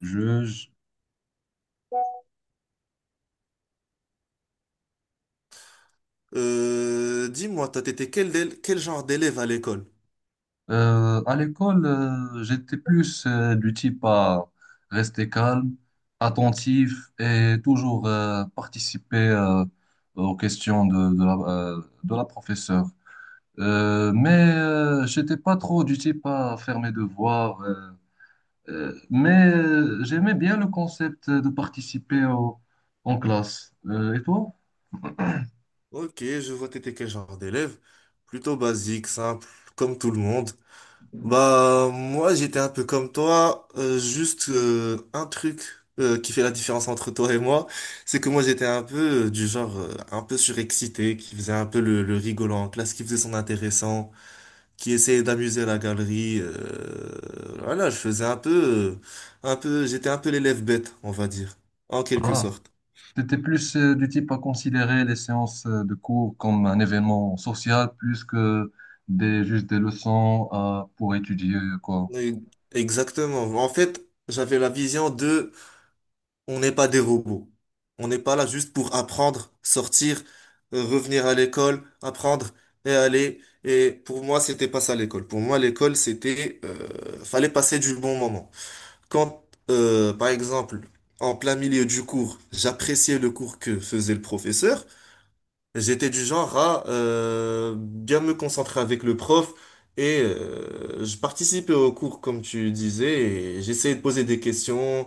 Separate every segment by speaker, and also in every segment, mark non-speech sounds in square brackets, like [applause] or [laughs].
Speaker 1: Je, je-
Speaker 2: Dis-moi, t'as été quel, dél- quel genre d'élève à l'école?
Speaker 1: à l'école, j'étais plus du type à rester calme, attentif et toujours participer aux questions de la professeure. J'étais pas trop du type à faire mes devoirs. J'aimais bien le concept de en classe. Et toi?
Speaker 2: Ok, je vois t'étais quel genre d'élève? Plutôt basique, simple, comme tout le monde. Bah, moi, j'étais un peu comme toi, juste un truc qui fait la différence entre toi et moi, c'est que moi, j'étais un peu du genre un peu surexcité, qui faisait un peu le rigolant en classe, qui faisait son intéressant, qui essayait d'amuser la galerie. Voilà, je faisais un peu, j'étais un peu l'élève bête, on va dire, en quelque sorte.
Speaker 1: T'étais plus du type à considérer les séances de cours comme un événement social plus que juste des pour étudier, quoi.
Speaker 2: Oui, exactement. En fait, j'avais la vision de on n'est pas des robots. On n'est pas là juste pour apprendre, sortir, revenir à l'école, apprendre et aller. Et pour moi, c'était pas ça l'école. Pour moi, l'école, c'était fallait passer du bon moment. Quand, Par exemple, en plein milieu du cours, j'appréciais le cours que faisait le professeur. J'étais du genre à bien me concentrer avec le prof et je participais au cours comme tu disais et j'essayais de poser des questions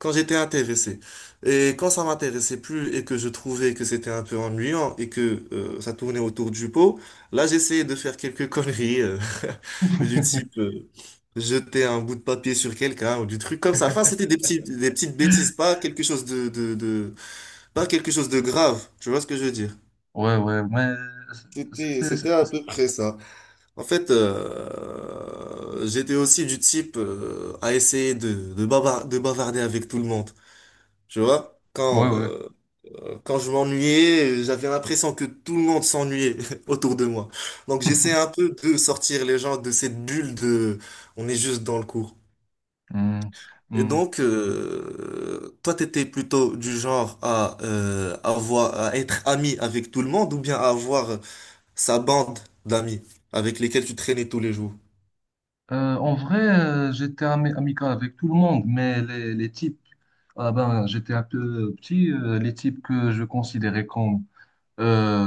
Speaker 2: quand j'étais intéressé. Et quand ça m'intéressait plus et que je trouvais que c'était un peu ennuyant et que ça tournait autour du pot, là j'essayais de faire quelques conneries [laughs] du type
Speaker 1: [laughs]
Speaker 2: jeter un bout de papier sur quelqu'un ou du truc comme ça. Enfin, c'était des petits, des petites bêtises, pas quelque chose de, pas quelque chose de grave. Tu vois ce que je veux dire?
Speaker 1: Ouais, ouais, mais... c'est-
Speaker 2: C'était,
Speaker 1: c'est-
Speaker 2: c'était à
Speaker 1: c'est-
Speaker 2: peu près ça. En fait, j'étais aussi du type à essayer de bavarder avec tout le monde. Tu vois?
Speaker 1: Ouais, ouais.
Speaker 2: Quand je m'ennuyais, j'avais l'impression que tout le monde s'ennuyait [laughs] autour de moi. Donc j'essaie
Speaker 1: [laughs]
Speaker 2: un peu de sortir les gens de cette bulle de on est juste dans le cours.
Speaker 1: Hmm,
Speaker 2: Et
Speaker 1: hmm.
Speaker 2: donc, toi, t'étais plutôt du genre à, à être ami avec tout le monde ou bien à avoir sa bande d'amis avec lesquels tu traînais tous les jours.
Speaker 1: En vrai, j'étais amical avec tout le monde, mais les types, ah ben, j'étais un peu petit, les types que je considérais comme euh,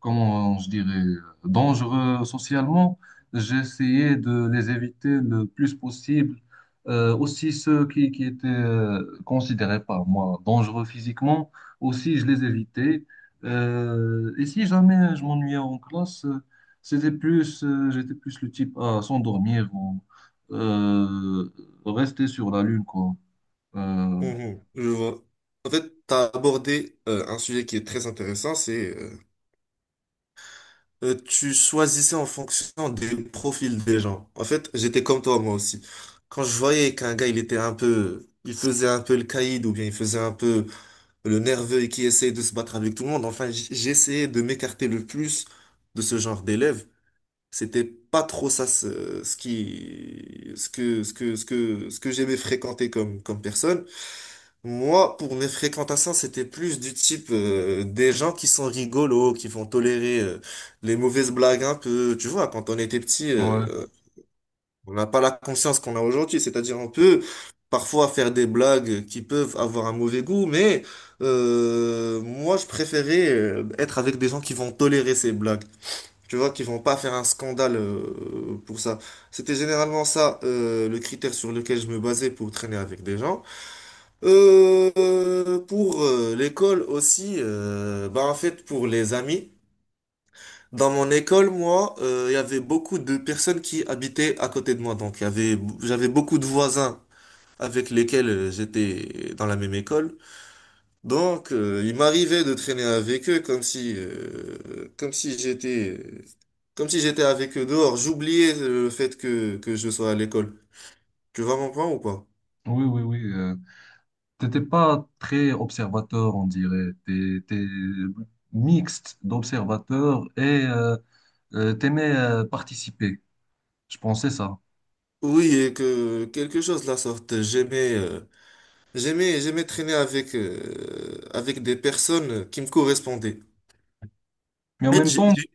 Speaker 1: comment je dirais, dangereux socialement. J'essayais de les éviter le plus possible. Aussi ceux qui étaient considérés par moi dangereux physiquement, aussi je les évitais. Et si jamais je m'ennuyais en classe, c'était j'étais plus le type à s'endormir ou euh, rester sur la lune, quoi. Euh,
Speaker 2: Mhm, je vois. En fait, tu as abordé un sujet qui est très intéressant, c'est tu choisissais en fonction des profils des gens. En fait, j'étais comme toi moi aussi. Quand je voyais qu'un gars, il était un peu, il faisait un peu le caïd ou bien il faisait un peu le nerveux et qui essayait de se battre avec tout le monde, enfin, j'essayais de m'écarter le plus de ce genre d'élèves. C'était pas trop ça ce, ce qui ce que ce que ce que ce que j'aimais fréquenter comme personne. Moi, pour mes fréquentations, c'était plus du type des gens qui sont rigolos, qui vont tolérer les mauvaises blagues un peu. Tu vois, quand on était petit,
Speaker 1: ouais.
Speaker 2: on n'a pas la conscience qu'on a aujourd'hui. C'est-à-dire, on peut parfois faire des blagues qui peuvent avoir un mauvais goût, mais moi, je préférais être avec des gens qui vont tolérer ces blagues. Tu vois qu'ils vont pas faire un scandale pour ça. C'était généralement ça le critère sur lequel je me basais pour traîner avec des gens. Pour L'école aussi, bah en fait pour les amis. Dans mon école, moi, il y avait beaucoup de personnes qui habitaient à côté de moi. Donc il y avait, j'avais beaucoup de voisins avec lesquels j'étais dans la même école. Donc, il m'arrivait de traîner avec eux comme si comme si j'étais avec eux dehors. J'oubliais le fait que je sois à l'école. Tu vas comprendre ou pas?
Speaker 1: Oui, oui, oui. T'étais pas très observateur, on dirait. T'es mixte d'observateur et t'aimais participer. Je pensais ça.
Speaker 2: Oui, et que quelque chose de la sorte. J'aimais traîner avec, avec des personnes qui me correspondaient.
Speaker 1: Mais
Speaker 2: En fait,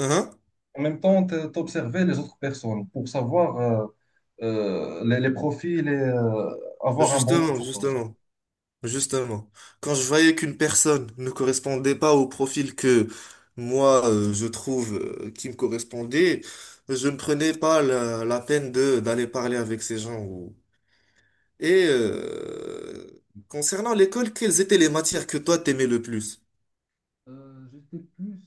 Speaker 2: hein.
Speaker 1: en même temps, t'observais les autres personnes pour savoir les profils et avoir un bon
Speaker 2: Justement,
Speaker 1: entourage.
Speaker 2: justement. Justement, quand je voyais qu'une personne ne correspondait pas au profil que moi je trouve qui me correspondait, je ne prenais pas la peine de d'aller parler avec ces gens. Ou... et concernant l'école, quelles étaient les matières que toi t'aimais le plus?
Speaker 1: J'étais plus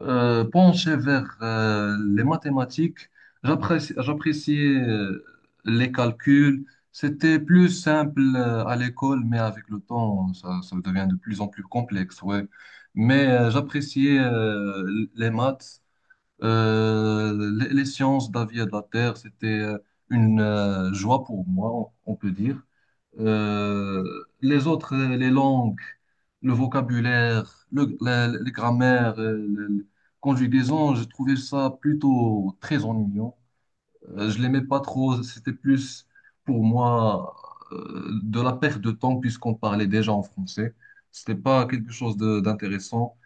Speaker 1: penché vers les mathématiques. J'appréciais les calculs. C'était plus simple à l'école, mais avec le temps, ça devient de plus en plus complexe, ouais. Mais j'appréciais les maths. Les sciences de la vie et de la terre, c'était une joie pour moi, on peut dire. Euh, les langues, le vocabulaire, les grammaires, les conjugaisons, je trouvais ça plutôt très ennuyant. Je l'aimais pas trop, c'était plus pour moi de la perte de temps puisqu'on parlait déjà en français. C'était pas quelque chose d'intéressant.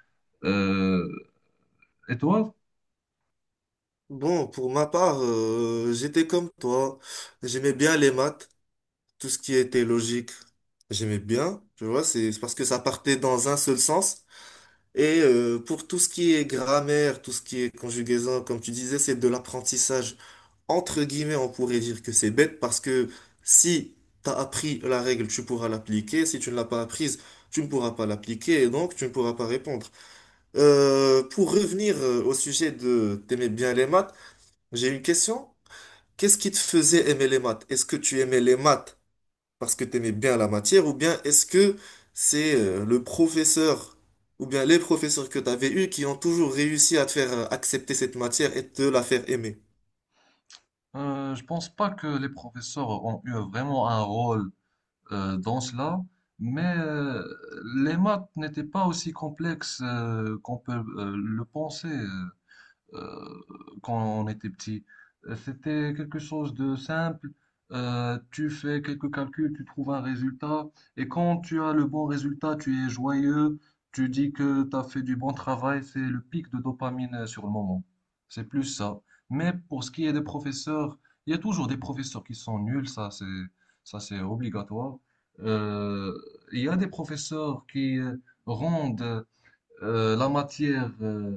Speaker 1: Euh, et toi,
Speaker 2: Bon, pour ma part, j'étais comme toi. J'aimais bien les maths, tout ce qui était logique. J'aimais bien, tu vois, c'est parce que ça partait dans un seul sens. Et pour tout ce qui est grammaire, tout ce qui est conjugaison, comme tu disais, c'est de l'apprentissage. Entre guillemets, on pourrait dire que c'est bête parce que si tu as appris la règle, tu pourras l'appliquer. Si tu ne l'as pas apprise, tu ne pourras pas l'appliquer et donc tu ne pourras pas répondre. Pour revenir Au sujet de t'aimer bien les maths, j'ai une question. Qu'est-ce qui te faisait aimer les maths? Est-ce que tu aimais les maths parce que t'aimais bien la matière, ou bien est-ce que c'est le professeur, ou bien les professeurs que t'avais eus qui ont toujours réussi à te faire accepter cette matière et te la faire aimer?
Speaker 1: Je pense pas que les professeurs ont eu vraiment un rôle dans cela, mais les maths n'étaient pas aussi complexes qu'on peut le penser. Euh, Quand on était petit. C'était quelque chose de simple. Tu fais quelques calculs, tu trouves un résultat, et quand tu as le bon résultat, tu es joyeux, tu dis que tu as fait du bon travail, c'est le pic de dopamine sur le moment. C'est plus ça. Mais pour ce qui est des professeurs, il y a toujours des professeurs qui sont nuls, ça c'est obligatoire. Euh, il y a des professeurs qui rendent la matière,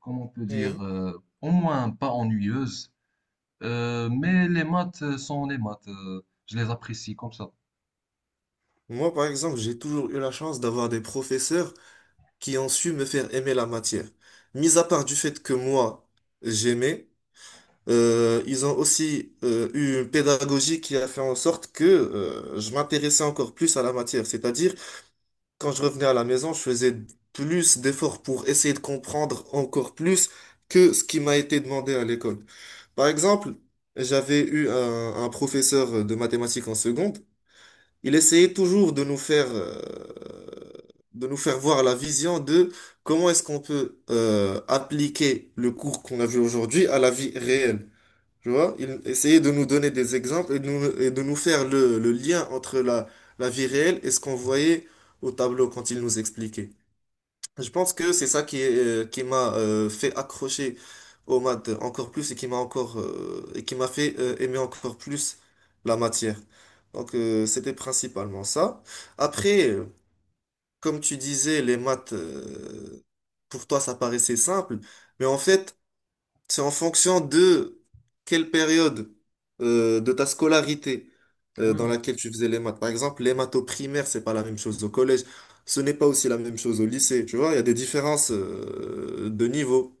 Speaker 1: comment on peut dire,
Speaker 2: Mhm.
Speaker 1: au moins pas ennuyeuse. Mais les maths sont les maths, je les apprécie comme ça.
Speaker 2: Moi, par exemple, j'ai toujours eu la chance d'avoir des professeurs qui ont su me faire aimer la matière. Mis à part du fait que moi, j'aimais, ils ont aussi eu une pédagogie qui a fait en sorte que je m'intéressais encore plus à la matière. C'est-à-dire quand je revenais à la maison, je faisais plus d'efforts pour essayer de comprendre encore plus que ce qui m'a été demandé à l'école. Par exemple, j'avais eu un professeur de mathématiques en seconde. Il essayait toujours de nous faire voir la vision de comment est-ce qu'on peut appliquer le cours qu'on a vu aujourd'hui à la vie réelle. Tu vois, il essayait de nous donner des exemples et de nous faire le lien entre la, la vie réelle et ce qu'on voyait au tableau quand il nous expliquait. Je pense que c'est ça qui m'a fait accrocher aux maths encore plus et qui m'a encore et qui m'a fait aimer encore plus la matière. Donc c'était principalement ça. Après, comme tu disais, les maths, pour toi, ça paraissait simple, mais en fait, c'est en fonction de quelle période de ta scolarité
Speaker 1: Oui,
Speaker 2: dans
Speaker 1: oui.
Speaker 2: laquelle tu faisais les maths. Par exemple, les maths au primaire, c'est pas la même chose au collège. Ce n'est pas aussi la même chose au lycée. Tu vois, il y a des différences de niveau.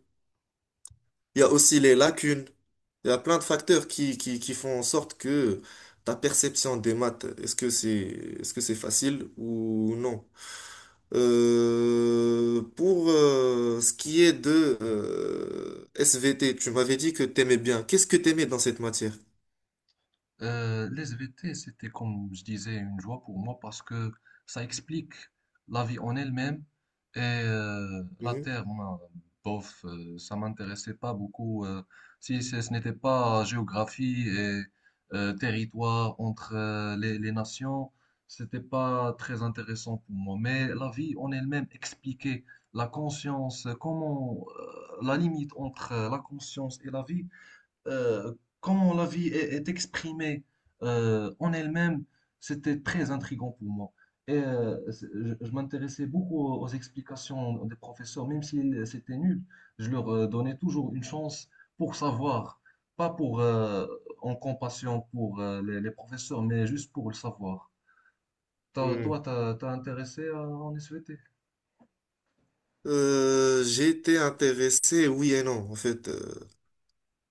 Speaker 2: Il y a aussi les lacunes. Il y a plein de facteurs qui font en sorte que ta perception des maths, est-ce que c'est facile ou non? Pour ce qui est de SVT, tu m'avais dit que t'aimais bien. Qu'est-ce que t'aimais dans cette matière?
Speaker 1: Les SVT, c'était comme je disais une joie pour moi parce que ça explique la vie en elle-même et la
Speaker 2: Mhm,
Speaker 1: Terre, moi, bof, ça m'intéressait pas beaucoup. Si ce n'était pas géographie et territoire entre les nations, c'était pas très intéressant pour moi. Mais la vie en elle-même expliquait la conscience, comment la limite entre la conscience et la vie euh, comment la vie est exprimée en elle-même, c'était très intriguant pour moi. Et je m'intéressais beaucoup aux explications des professeurs, même si c'était nul, je leur donnais toujours une chance pour savoir, pas pour en compassion pour les professeurs, mais juste pour le savoir.
Speaker 2: mhm.
Speaker 1: T'as intéressé à en SVT?
Speaker 2: J'ai intéressé, oui et non. En fait,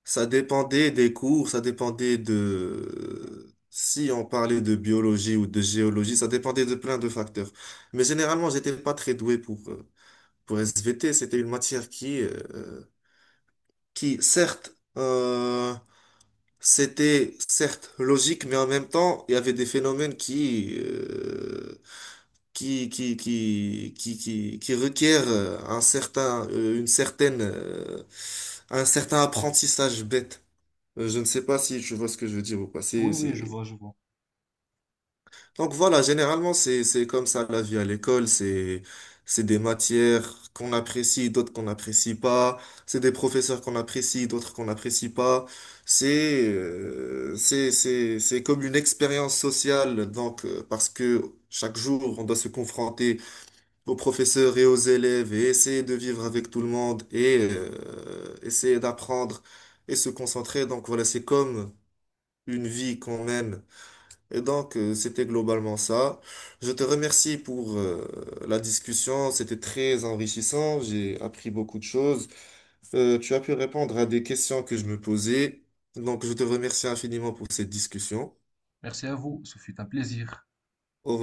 Speaker 2: ça dépendait des cours, ça dépendait de... Si on parlait de biologie ou de géologie, ça dépendait de plein de facteurs. Mais généralement, j'étais pas très doué pour SVT. C'était une matière qui certes, euh, c'était certes logique, mais en même temps, il y avait des phénomènes qui requièrent un certain apprentissage bête. Je ne sais pas si tu vois ce que je veux dire ou pas.
Speaker 1: Oui, oui, je vois, je vois.
Speaker 2: Donc voilà, généralement, c'est comme ça la vie à l'école. C'est des matières qu'on apprécie, d'autres qu'on n'apprécie pas. C'est des professeurs qu'on apprécie, d'autres qu'on n'apprécie pas. C'est comme une expérience sociale. Donc, parce que chaque jour, on doit se confronter aux professeurs et aux élèves et essayer de vivre avec tout le monde et essayer d'apprendre et se concentrer. Donc voilà, c'est comme une vie qu'on mène et donc, c'était globalement ça. Je te remercie pour la discussion. C'était très enrichissant. J'ai appris beaucoup de choses. Tu as pu répondre à des questions que je me posais. Donc, je te remercie infiniment pour cette discussion.
Speaker 1: Merci à vous, ce fut un plaisir.
Speaker 2: Au